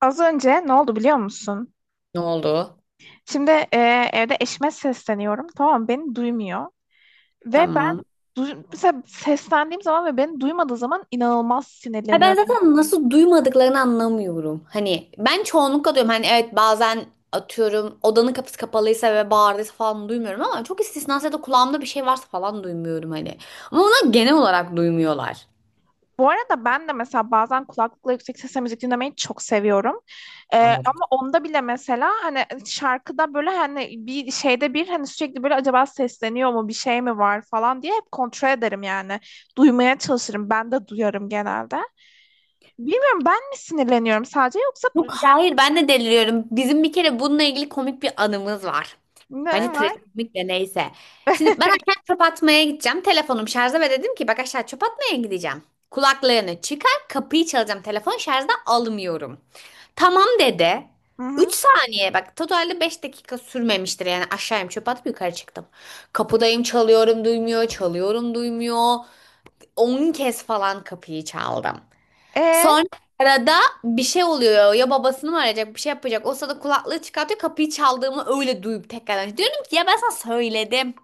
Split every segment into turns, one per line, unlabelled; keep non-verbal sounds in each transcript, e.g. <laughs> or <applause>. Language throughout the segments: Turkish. Az önce ne oldu biliyor musun?
Ne oldu?
Şimdi evde eşime sesleniyorum. Tamam beni duymuyor. Ve ben
Tamam.
mesela seslendiğim zaman ve beni duymadığı zaman inanılmaz
Ha ben
sinirleniyorum.
zaten nasıl duymadıklarını anlamıyorum. Hani ben çoğunlukla diyorum hani evet bazen atıyorum odanın kapısı kapalıysa ve bağırdıysa falan duymuyorum ama çok istisnası ya da kulağımda bir şey varsa falan duymuyorum hani. Ama onlar genel olarak duymuyorlar.
Bu arada ben de mesela bazen kulaklıkla yüksek sesle müzik dinlemeyi çok seviyorum. E,
Anladım.
ama onda bile mesela hani şarkıda böyle hani bir şeyde bir hani sürekli böyle acaba sesleniyor mu bir şey mi var falan diye hep kontrol ederim yani. Duymaya çalışırım. Ben de duyarım genelde. Bilmiyorum ben mi sinirleniyorum sadece yoksa
Yok hayır ben de deliriyorum. Bizim bir kere bununla ilgili komik bir anımız var.
ne
Bence
var?
trajikomik de neyse. Şimdi ben aşağı çöp atmaya gideceğim. Telefonum şarjda ve dedim ki bak aşağı çöp atmaya gideceğim. Kulaklarını çıkar kapıyı çalacağım. Telefon şarjda almıyorum. Tamam dedi.
Hı
3
hı.
saniye bak totalde 5 dakika sürmemiştir yani aşağıyım çöp atıp yukarı çıktım. Kapıdayım çalıyorum duymuyor çalıyorum duymuyor. 10 kez falan kapıyı çaldım.
E,
Sonra arada bir şey oluyor. Ya babasını mı arayacak, bir şey yapacak. O sırada kulaklığı çıkartıyor. Kapıyı çaldığımı öyle duyup tekrardan. Diyorum ki ya ben sana söyledim.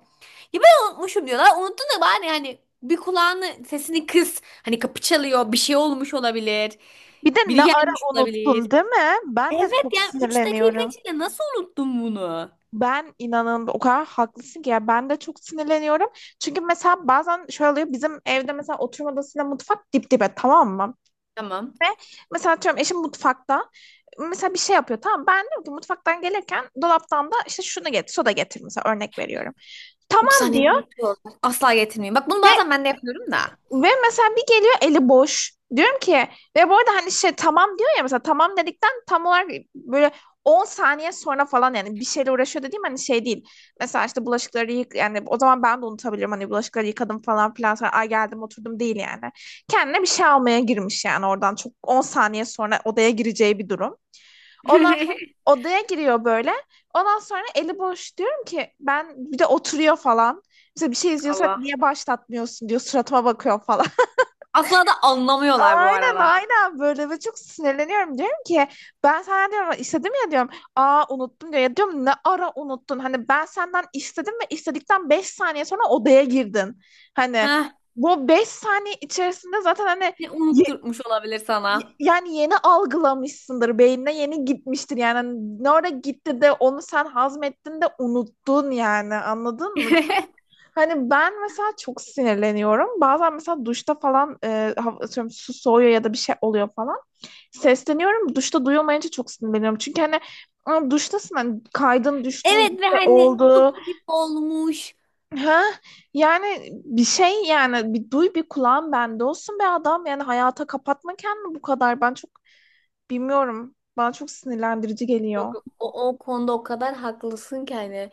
Ya ben unutmuşum diyorlar. Unuttun da bari hani bir kulağını sesini kıs. Hani kapı çalıyor. Bir şey olmuş olabilir.
bir de
Biri
ne ara
gelmiş olabilir.
unuttun değil mi? Ben de
Evet
çok
yani 3 dakika
sinirleniyorum.
içinde nasıl unuttun bunu?
Ben inanın o kadar haklısın ki ya ben de çok sinirleniyorum. Çünkü mesela bazen şöyle oluyor bizim evde mesela oturma odasıyla mutfak dip dibe tamam mı?
Tamam.
Ve mesela atıyorum eşim mutfakta mesela bir şey yapıyor tamam ben diyorum ki mutfaktan gelirken dolaptan da işte şunu getir soda getir mesela örnek veriyorum.
üç
Tamam
saniye.
diyor.
Bitiyor. Asla getirmeyeyim. Bak bunu
ve
bazen ben de yapıyorum da.
Ve mesela bir geliyor eli boş. Diyorum ki ve bu arada hani şey tamam diyor ya mesela tamam dedikten tam olarak böyle 10 saniye sonra falan yani bir şeyle uğraşıyor dediğim hani şey değil. Mesela işte bulaşıkları yık yani o zaman ben de unutabilirim hani bulaşıkları yıkadım falan filan sonra ay geldim oturdum değil yani. Kendine bir şey almaya girmiş yani oradan çok 10 saniye sonra odaya gireceği bir durum. Ondan sonra
<laughs>
odaya giriyor böyle. Ondan sonra eli boş diyorum ki ben bir de oturuyor falan. Mesela bir şey izliyorsak
Allah.
niye başlatmıyorsun diyor suratıma bakıyor falan.
Asla da anlamıyorlar bu
Aynen
arada.
aynen böyle ve çok sinirleniyorum diyorum ki ben sana diyorum istedim ya diyorum aa unuttum diyor ya diyorum ne ara unuttun hani ben senden istedim ve istedikten 5 saniye sonra odaya girdin hani
Heh.
bu 5 saniye içerisinde zaten hani
Ne unutturmuş olabilir sana?
yani yeni algılamışsındır beynine yeni gitmiştir yani. Hani ne ara gitti de onu sen hazmettin de unuttun yani anladın mı?
<laughs>
Hani ben mesela çok sinirleniyorum. Bazen mesela duşta falan atıyorum su soğuyor ya da bir şey oluyor falan. Sesleniyorum. Duşta duyulmayınca çok sinirleniyorum. Çünkü hani "Aa, duştasın hani kaydın düştün bir
Evet ve
şey
hani su
oldu."
gibi olmuş.
Ha? Yani bir şey yani bir duy bir kulağın bende olsun be adam. Yani hayata kapatma kendini bu kadar. Ben çok bilmiyorum. Bana çok sinirlendirici geliyor.
Yok o konuda o kadar haklısın ki hani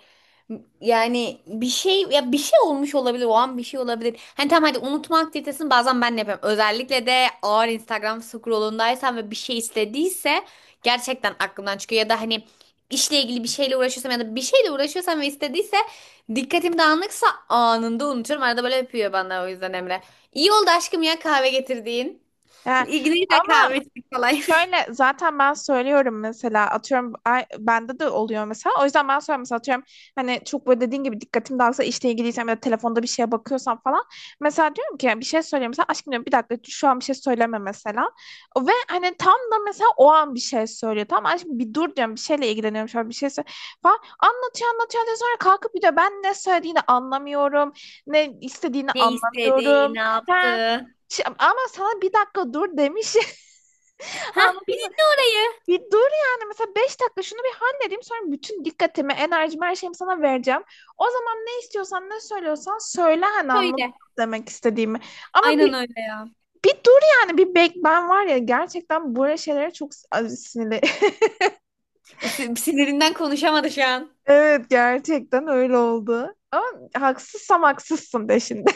yani bir şey ya bir şey olmuş olabilir o an bir şey olabilir. Hani tamam hadi unutma aktivitesini bazen ben de yapıyorum. Özellikle de ağır Instagram scrollundaysam ve bir şey istediyse gerçekten aklımdan çıkıyor ya da hani işle ilgili bir şeyle uğraşıyorsam ya da bir şeyle uğraşıyorsam ve istediyse dikkatim dağınıksa anında unutuyorum. Arada böyle yapıyor bana o yüzden Emre. İyi oldu aşkım ya kahve getirdiğin. <laughs>
Ha,
İlgili de
ama
kahve içtik falan. <laughs>
şöyle zaten ben söylüyorum mesela atıyorum bende de oluyor mesela. O yüzden ben söylüyorum mesela atıyorum hani çok böyle dediğin gibi dikkatim dağılsa işle ilgiliysem ya da telefonda bir şeye bakıyorsam falan. Mesela diyorum ki bir şey söyleyeyim mesela aşkım diyorum bir dakika şu an bir şey söyleme mesela. Ve hani tam da mesela o an bir şey söylüyor. Tamam aşkım bir dur diyorum bir şeyle ilgileniyorum şu an bir şey falan. Anlatıyor anlatıyor anlatıyor sonra kalkıp bir de ben ne söylediğini anlamıyorum. Ne istediğini
Ne istedi,
anlamıyorum.
ne
Ha,
yaptı?
ama sana bir dakika dur demiş. <laughs>
Heh, bir
Anladın mı?
dinle orayı.
Bir dur yani mesela 5 dakika şunu bir halledeyim sonra bütün dikkatimi, enerjimi, her şeyimi sana vereceğim. O zaman ne istiyorsan ne söylüyorsan söyle hani anladın mı
Öyle.
demek istediğimi. Ama
Aynen
bir
öyle ya.
bir dur yani bir bek ben var ya gerçekten böyle şeylere çok sinirli. <laughs>
Sinirinden konuşamadı şu an.
Evet gerçekten öyle oldu. Ama haksızsam haksızsın de şimdi.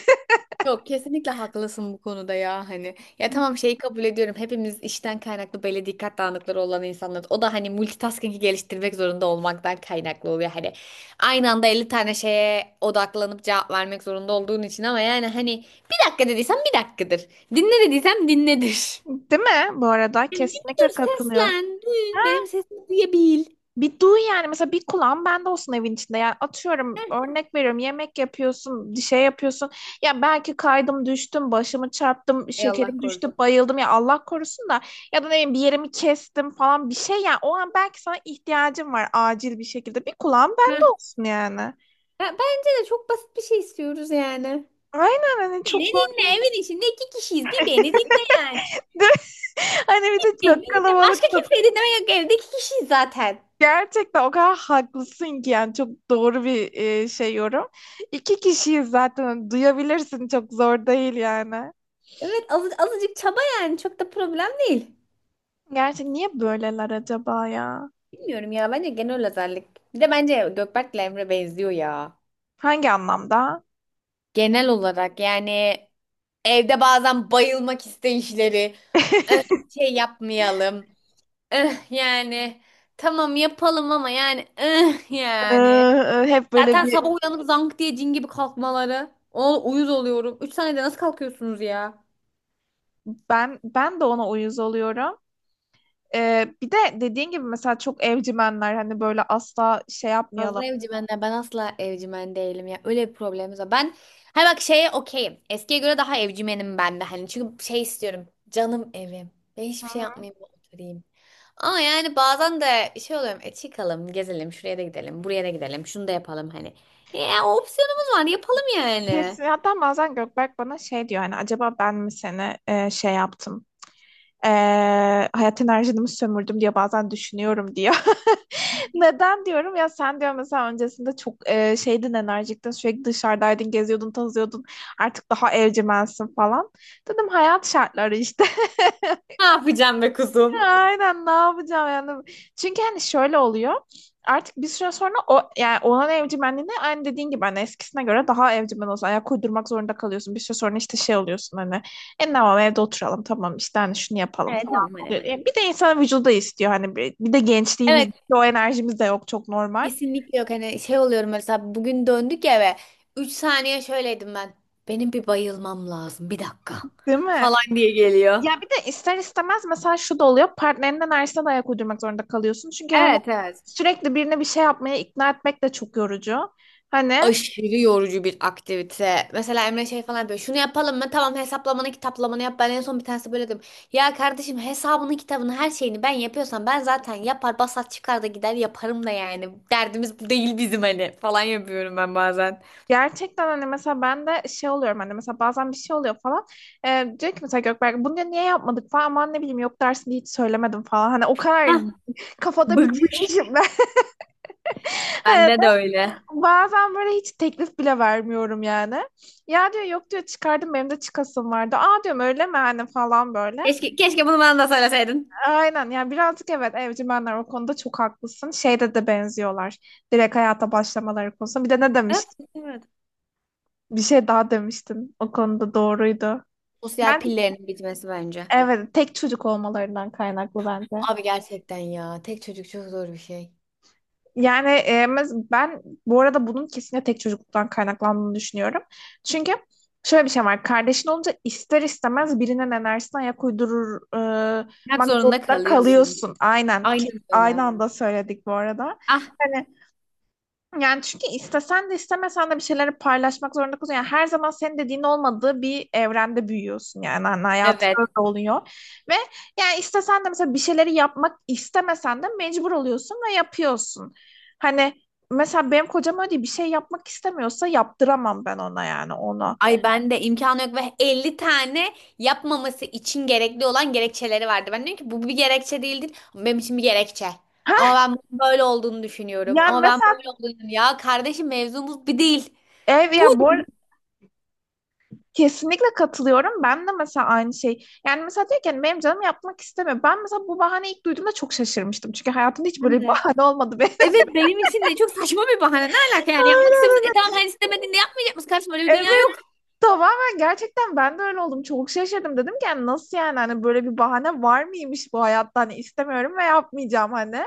Yok kesinlikle haklısın bu konuda ya hani. Ya tamam şeyi kabul ediyorum. Hepimiz işten kaynaklı böyle dikkat dağınıkları olan insanlar. O da hani multitasking'i geliştirmek zorunda olmaktan kaynaklı oluyor. Hani aynı anda 50 tane şeye odaklanıp cevap vermek zorunda olduğun için ama yani hani bir dakika dediysem bir dakikadır. Dinle dediysem dinledir.
<laughs> Değil mi? Bu arada
Yani bir
kesinlikle
dur
katılıyorum.
seslen. Duy, benim sesimi duyabil.
Bir duy yani mesela bir kulağın bende olsun evin içinde. Yani atıyorum
Heh.
örnek veriyorum yemek yapıyorsun, bir şey yapıyorsun. Ya belki kaydım düştüm, başımı çarptım,
Ey Allah
şekerim düştü,
korusun.
bayıldım ya Allah korusun da ya da ne bileyim bir yerimi kestim falan bir şey yani o an belki sana ihtiyacım var acil bir şekilde. Bir kulağın bende olsun yani.
Ya bence de çok basit bir şey istiyoruz yani.
Aynen hani
Beni
çok zor
dinle
değil.
evin içinde 2 kişiyiz. Bir beni dinle yani.
<laughs> Hani bir de
Beni
çok
dinle.
kalabalık.
Başka kimseyi dinleme yok evde 2 kişiyiz zaten.
Gerçekten o kadar haklısın ki yani çok doğru bir şey yorum. İki kişiyiz zaten hani duyabilirsin çok zor değil yani.
Evet azıcık çaba yani çok da problem değil.
Gerçi niye böyleler acaba ya?
Bilmiyorum ya bence genel özellik. Bir de bence Gökberk'le Emre benziyor ya.
Hangi anlamda?
Genel olarak yani evde bazen bayılmak isteyişleri. "Eh, şey yapmayalım. Eh, yani tamam yapalım ama yani eh, yani.
Hep böyle
Zaten
bir
sabah uyanıp zank diye cin gibi kalkmaları. O uyuz oluyorum. 3 saniyede nasıl kalkıyorsunuz ya?
ben de ona uyuz oluyorum. Bir de dediğin gibi mesela çok evcimenler hani böyle asla şey yapmayalım.
Fazla evcimenden ben asla evcimen değilim ya. Öyle bir problemimiz var. Ben hay bak şeye okeyim. Eskiye göre daha evcimenim ben de hani. Çünkü şey istiyorum. Canım evim. Ben
Hı
hiçbir şey
hı.
yapmayayım oturayım. Ama yani bazen de şey oluyorum. E çıkalım, gezelim, şuraya da gidelim, buraya da gidelim, şunu da yapalım hani. Ya o opsiyonumuz var. Yapalım yani.
Kesin hatta bazen Gökberk bana şey diyor hani acaba ben mi seni şey yaptım? Ee, hayat enerjimi sömürdüm diye bazen düşünüyorum diyor. <laughs> Neden diyorum ya sen diyor mesela öncesinde çok şeydin enerjiktin sürekli dışarıdaydın geziyordun tozuyordun artık daha evcimensin falan. Dedim hayat şartları işte.
Ne yapacağım be kuzum?
Aynen ne yapacağım yani. Çünkü hani şöyle oluyor. Artık bir süre sonra o yani olan evcimenliğine aynı dediğin gibi hani eskisine göre daha evcimen olsun. Ayak uydurmak zorunda kalıyorsun. Bir süre sonra işte şey oluyorsun hani. E tamam evde oturalım tamam işte hani şunu yapalım
Evet
falan
tamam hani.
oluyor. Yani bir de insanın vücudu da istiyor hani bir, bir de gençliğimiz
Evet
o enerjimiz de yok çok normal.
kesinlikle yok. Hani şey oluyorum mesela bugün döndük eve. 3 saniye şöyleydim ben. Benim bir bayılmam lazım. Bir dakika
Değil mi?
falan diye geliyor.
Ya bir de ister istemez mesela şu da oluyor. Partnerinin enerjisine de ayak uydurmak zorunda kalıyorsun. Çünkü hani
Evet evet.
sürekli birine bir şey yapmaya ikna etmek de çok yorucu. Hani
Aşırı yorucu bir aktivite. Mesela Emre şey falan yapıyor. Şunu yapalım mı? Tamam hesaplamanı kitaplamanı yap. Ben en son bir tanesi böyle dedim. Ya kardeşim hesabını kitabını her şeyini ben yapıyorsam ben zaten yapar basat çıkar da gider yaparım da yani. Derdimiz bu değil bizim hani falan yapıyorum ben bazen.
gerçekten hani mesela ben de şey oluyorum hani mesela bazen bir şey oluyor falan. Diyor ki mesela Gökberk bunu diyor, niye yapmadık falan ama ne bileyim yok dersini hiç söylemedim falan. Hani o kadar
Hah,
<laughs> kafada
bıkmış.
bitirmişim ben. <laughs> Hani
Bende de öyle.
bazen böyle hiç teklif bile vermiyorum yani. Ya diyor yok diyor çıkardım benim de çıkasım vardı. Aa diyorum öyle mi hani falan böyle.
Keşke, keşke bunu bana da söyleseydin.
Aynen yani birazcık evet evcimenler o konuda çok haklısın. Şeyde de benziyorlar. Direkt hayata başlamaları konusunda. Bir de ne
Evet,
demiştin?
evet.
Bir şey daha demiştin. O konuda doğruydu.
Sosyal
Ben
pillerinin bitmesi bence.
evet, tek çocuk olmalarından kaynaklı bence.
Abi gerçekten ya. Tek çocuk çok zor bir şey.
Yani ben bu arada bunun kesinlikle tek çocukluktan kaynaklandığını düşünüyorum. Çünkü şöyle bir şey var. Kardeşin olunca ister istemez birinin enerjisine ayak
Yapmak
uydurmak
zorunda
zorunda
kalıyorsun.
kalıyorsun. Aynen.
Aynen öyle.
Aynı anda söyledik bu arada.
Ah
Hani yani çünkü istesen de istemesen de bir şeyleri paylaşmak zorunda kalıyorsun. Yani her zaman senin dediğin olmadığı bir evrende büyüyorsun yani hani hayatında
evet.
da oluyor. Ve yani istesen de mesela bir şeyleri yapmak istemesen de mecbur oluyorsun ve yapıyorsun. Hani mesela benim kocam öyle değil, bir şey yapmak istemiyorsa yaptıramam ben ona yani onu.
Ay ben de imkanı yok ve 50 tane yapmaması için gerekli olan gerekçeleri vardı. Ben diyorum ki bu bir gerekçe değildir, ama benim için bir gerekçe. Ama ben bunun böyle olduğunu düşünüyorum.
Yani
Ama ben
mesela
böyle olduğunu düşünüyorum. Ya kardeşim mevzumuz bir değil. Bu
ya bu kesinlikle katılıyorum. Ben de mesela aynı şey. Yani mesela diyor ki hani benim canım yapmak istemiyor. Ben mesela bu bahane ilk duyduğumda çok şaşırmıştım. Çünkü hayatımda hiç
Ben
böyle bir
de.
bahane olmadı benim.
Evet benim için de çok saçma bir bahane. Ne alaka yani yapmak
<laughs>
istemiyorsan. E tamam hani istemediğinde yapmayacak mısın? Kardeşim öyle bir dünya
Evet
yok.
tamamen gerçekten ben de öyle oldum. Çok şaşırdım. Dedim ki yani nasıl yani hani böyle bir bahane var mıymış bu hayatta? Hani istemiyorum ve yapmayacağım hani.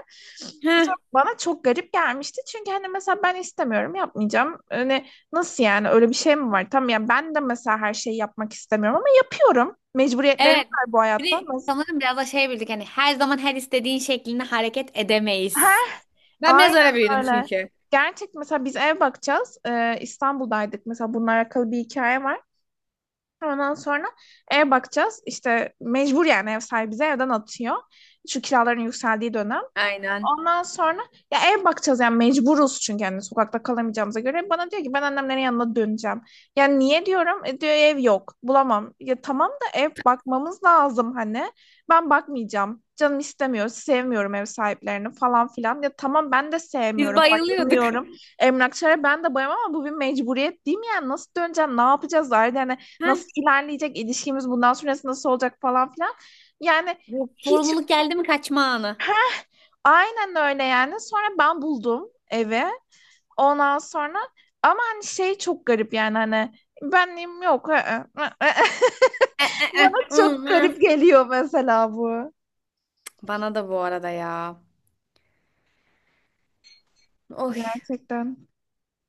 Bu soru bana çok garip gelmişti. Çünkü hani mesela ben istemiyorum yapmayacağım. Hani nasıl yani öyle bir şey mi var? Tamam yani ben de mesela her şeyi yapmak istemiyorum ama yapıyorum. Mecburiyetlerim
Evet.
var bu
Bir
hayatta.
de
Nasıl?
sanırım biraz da şey bildik hani her zaman her istediğin şeklinde hareket edemeyiz. Ben biraz
Aynen
öyle büyüdüm
öyle.
çünkü.
Gerçek mesela biz ev bakacağız. İstanbul'daydık mesela bununla alakalı bir hikaye var. Ondan sonra ev bakacağız. İşte mecbur yani ev sahibi bizi evden atıyor. Şu kiraların yükseldiği dönem.
Aynen.
Ondan sonra ya ev bakacağız yani mecburuz çünkü hani sokakta kalamayacağımıza göre. Bana diyor ki ben annemlerin yanına döneceğim. Yani niye diyorum? Diyor ev yok bulamam. Ya tamam da ev bakmamız lazım hani. Ben bakmayacağım. Canım istemiyor. Sevmiyorum ev sahiplerini falan filan. Ya tamam ben de
Biz
sevmiyorum.
bayılıyorduk.
Bayılmıyorum. Emlakçılara ben de bayılmam ama bu bir mecburiyet değil mi yani? Nasıl döneceğim? Ne yapacağız? Zaten yani
Heh.
nasıl ilerleyecek ilişkimiz, bundan sonrası nasıl olacak falan filan. Yani
Bu
hiç
sorumluluk geldi mi kaçma anı.
aynen öyle yani. Sonra ben buldum evi. Ondan sonra ama hani şey çok garip yani hani benliğim yok. I, ı, ı, ı.
E, e,
<laughs>
e.
Bana çok
Olmaz.
garip geliyor mesela bu.
Bana da bu arada ya. Oy.
Gerçekten.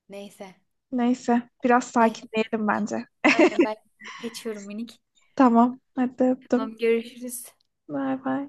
Neyse.
Neyse biraz
Ay,
sakinleyelim bence.
aynen ben kaçıyorum minik.
Tamam. Hadi öptüm.
Tamam görüşürüz.
Bay bay.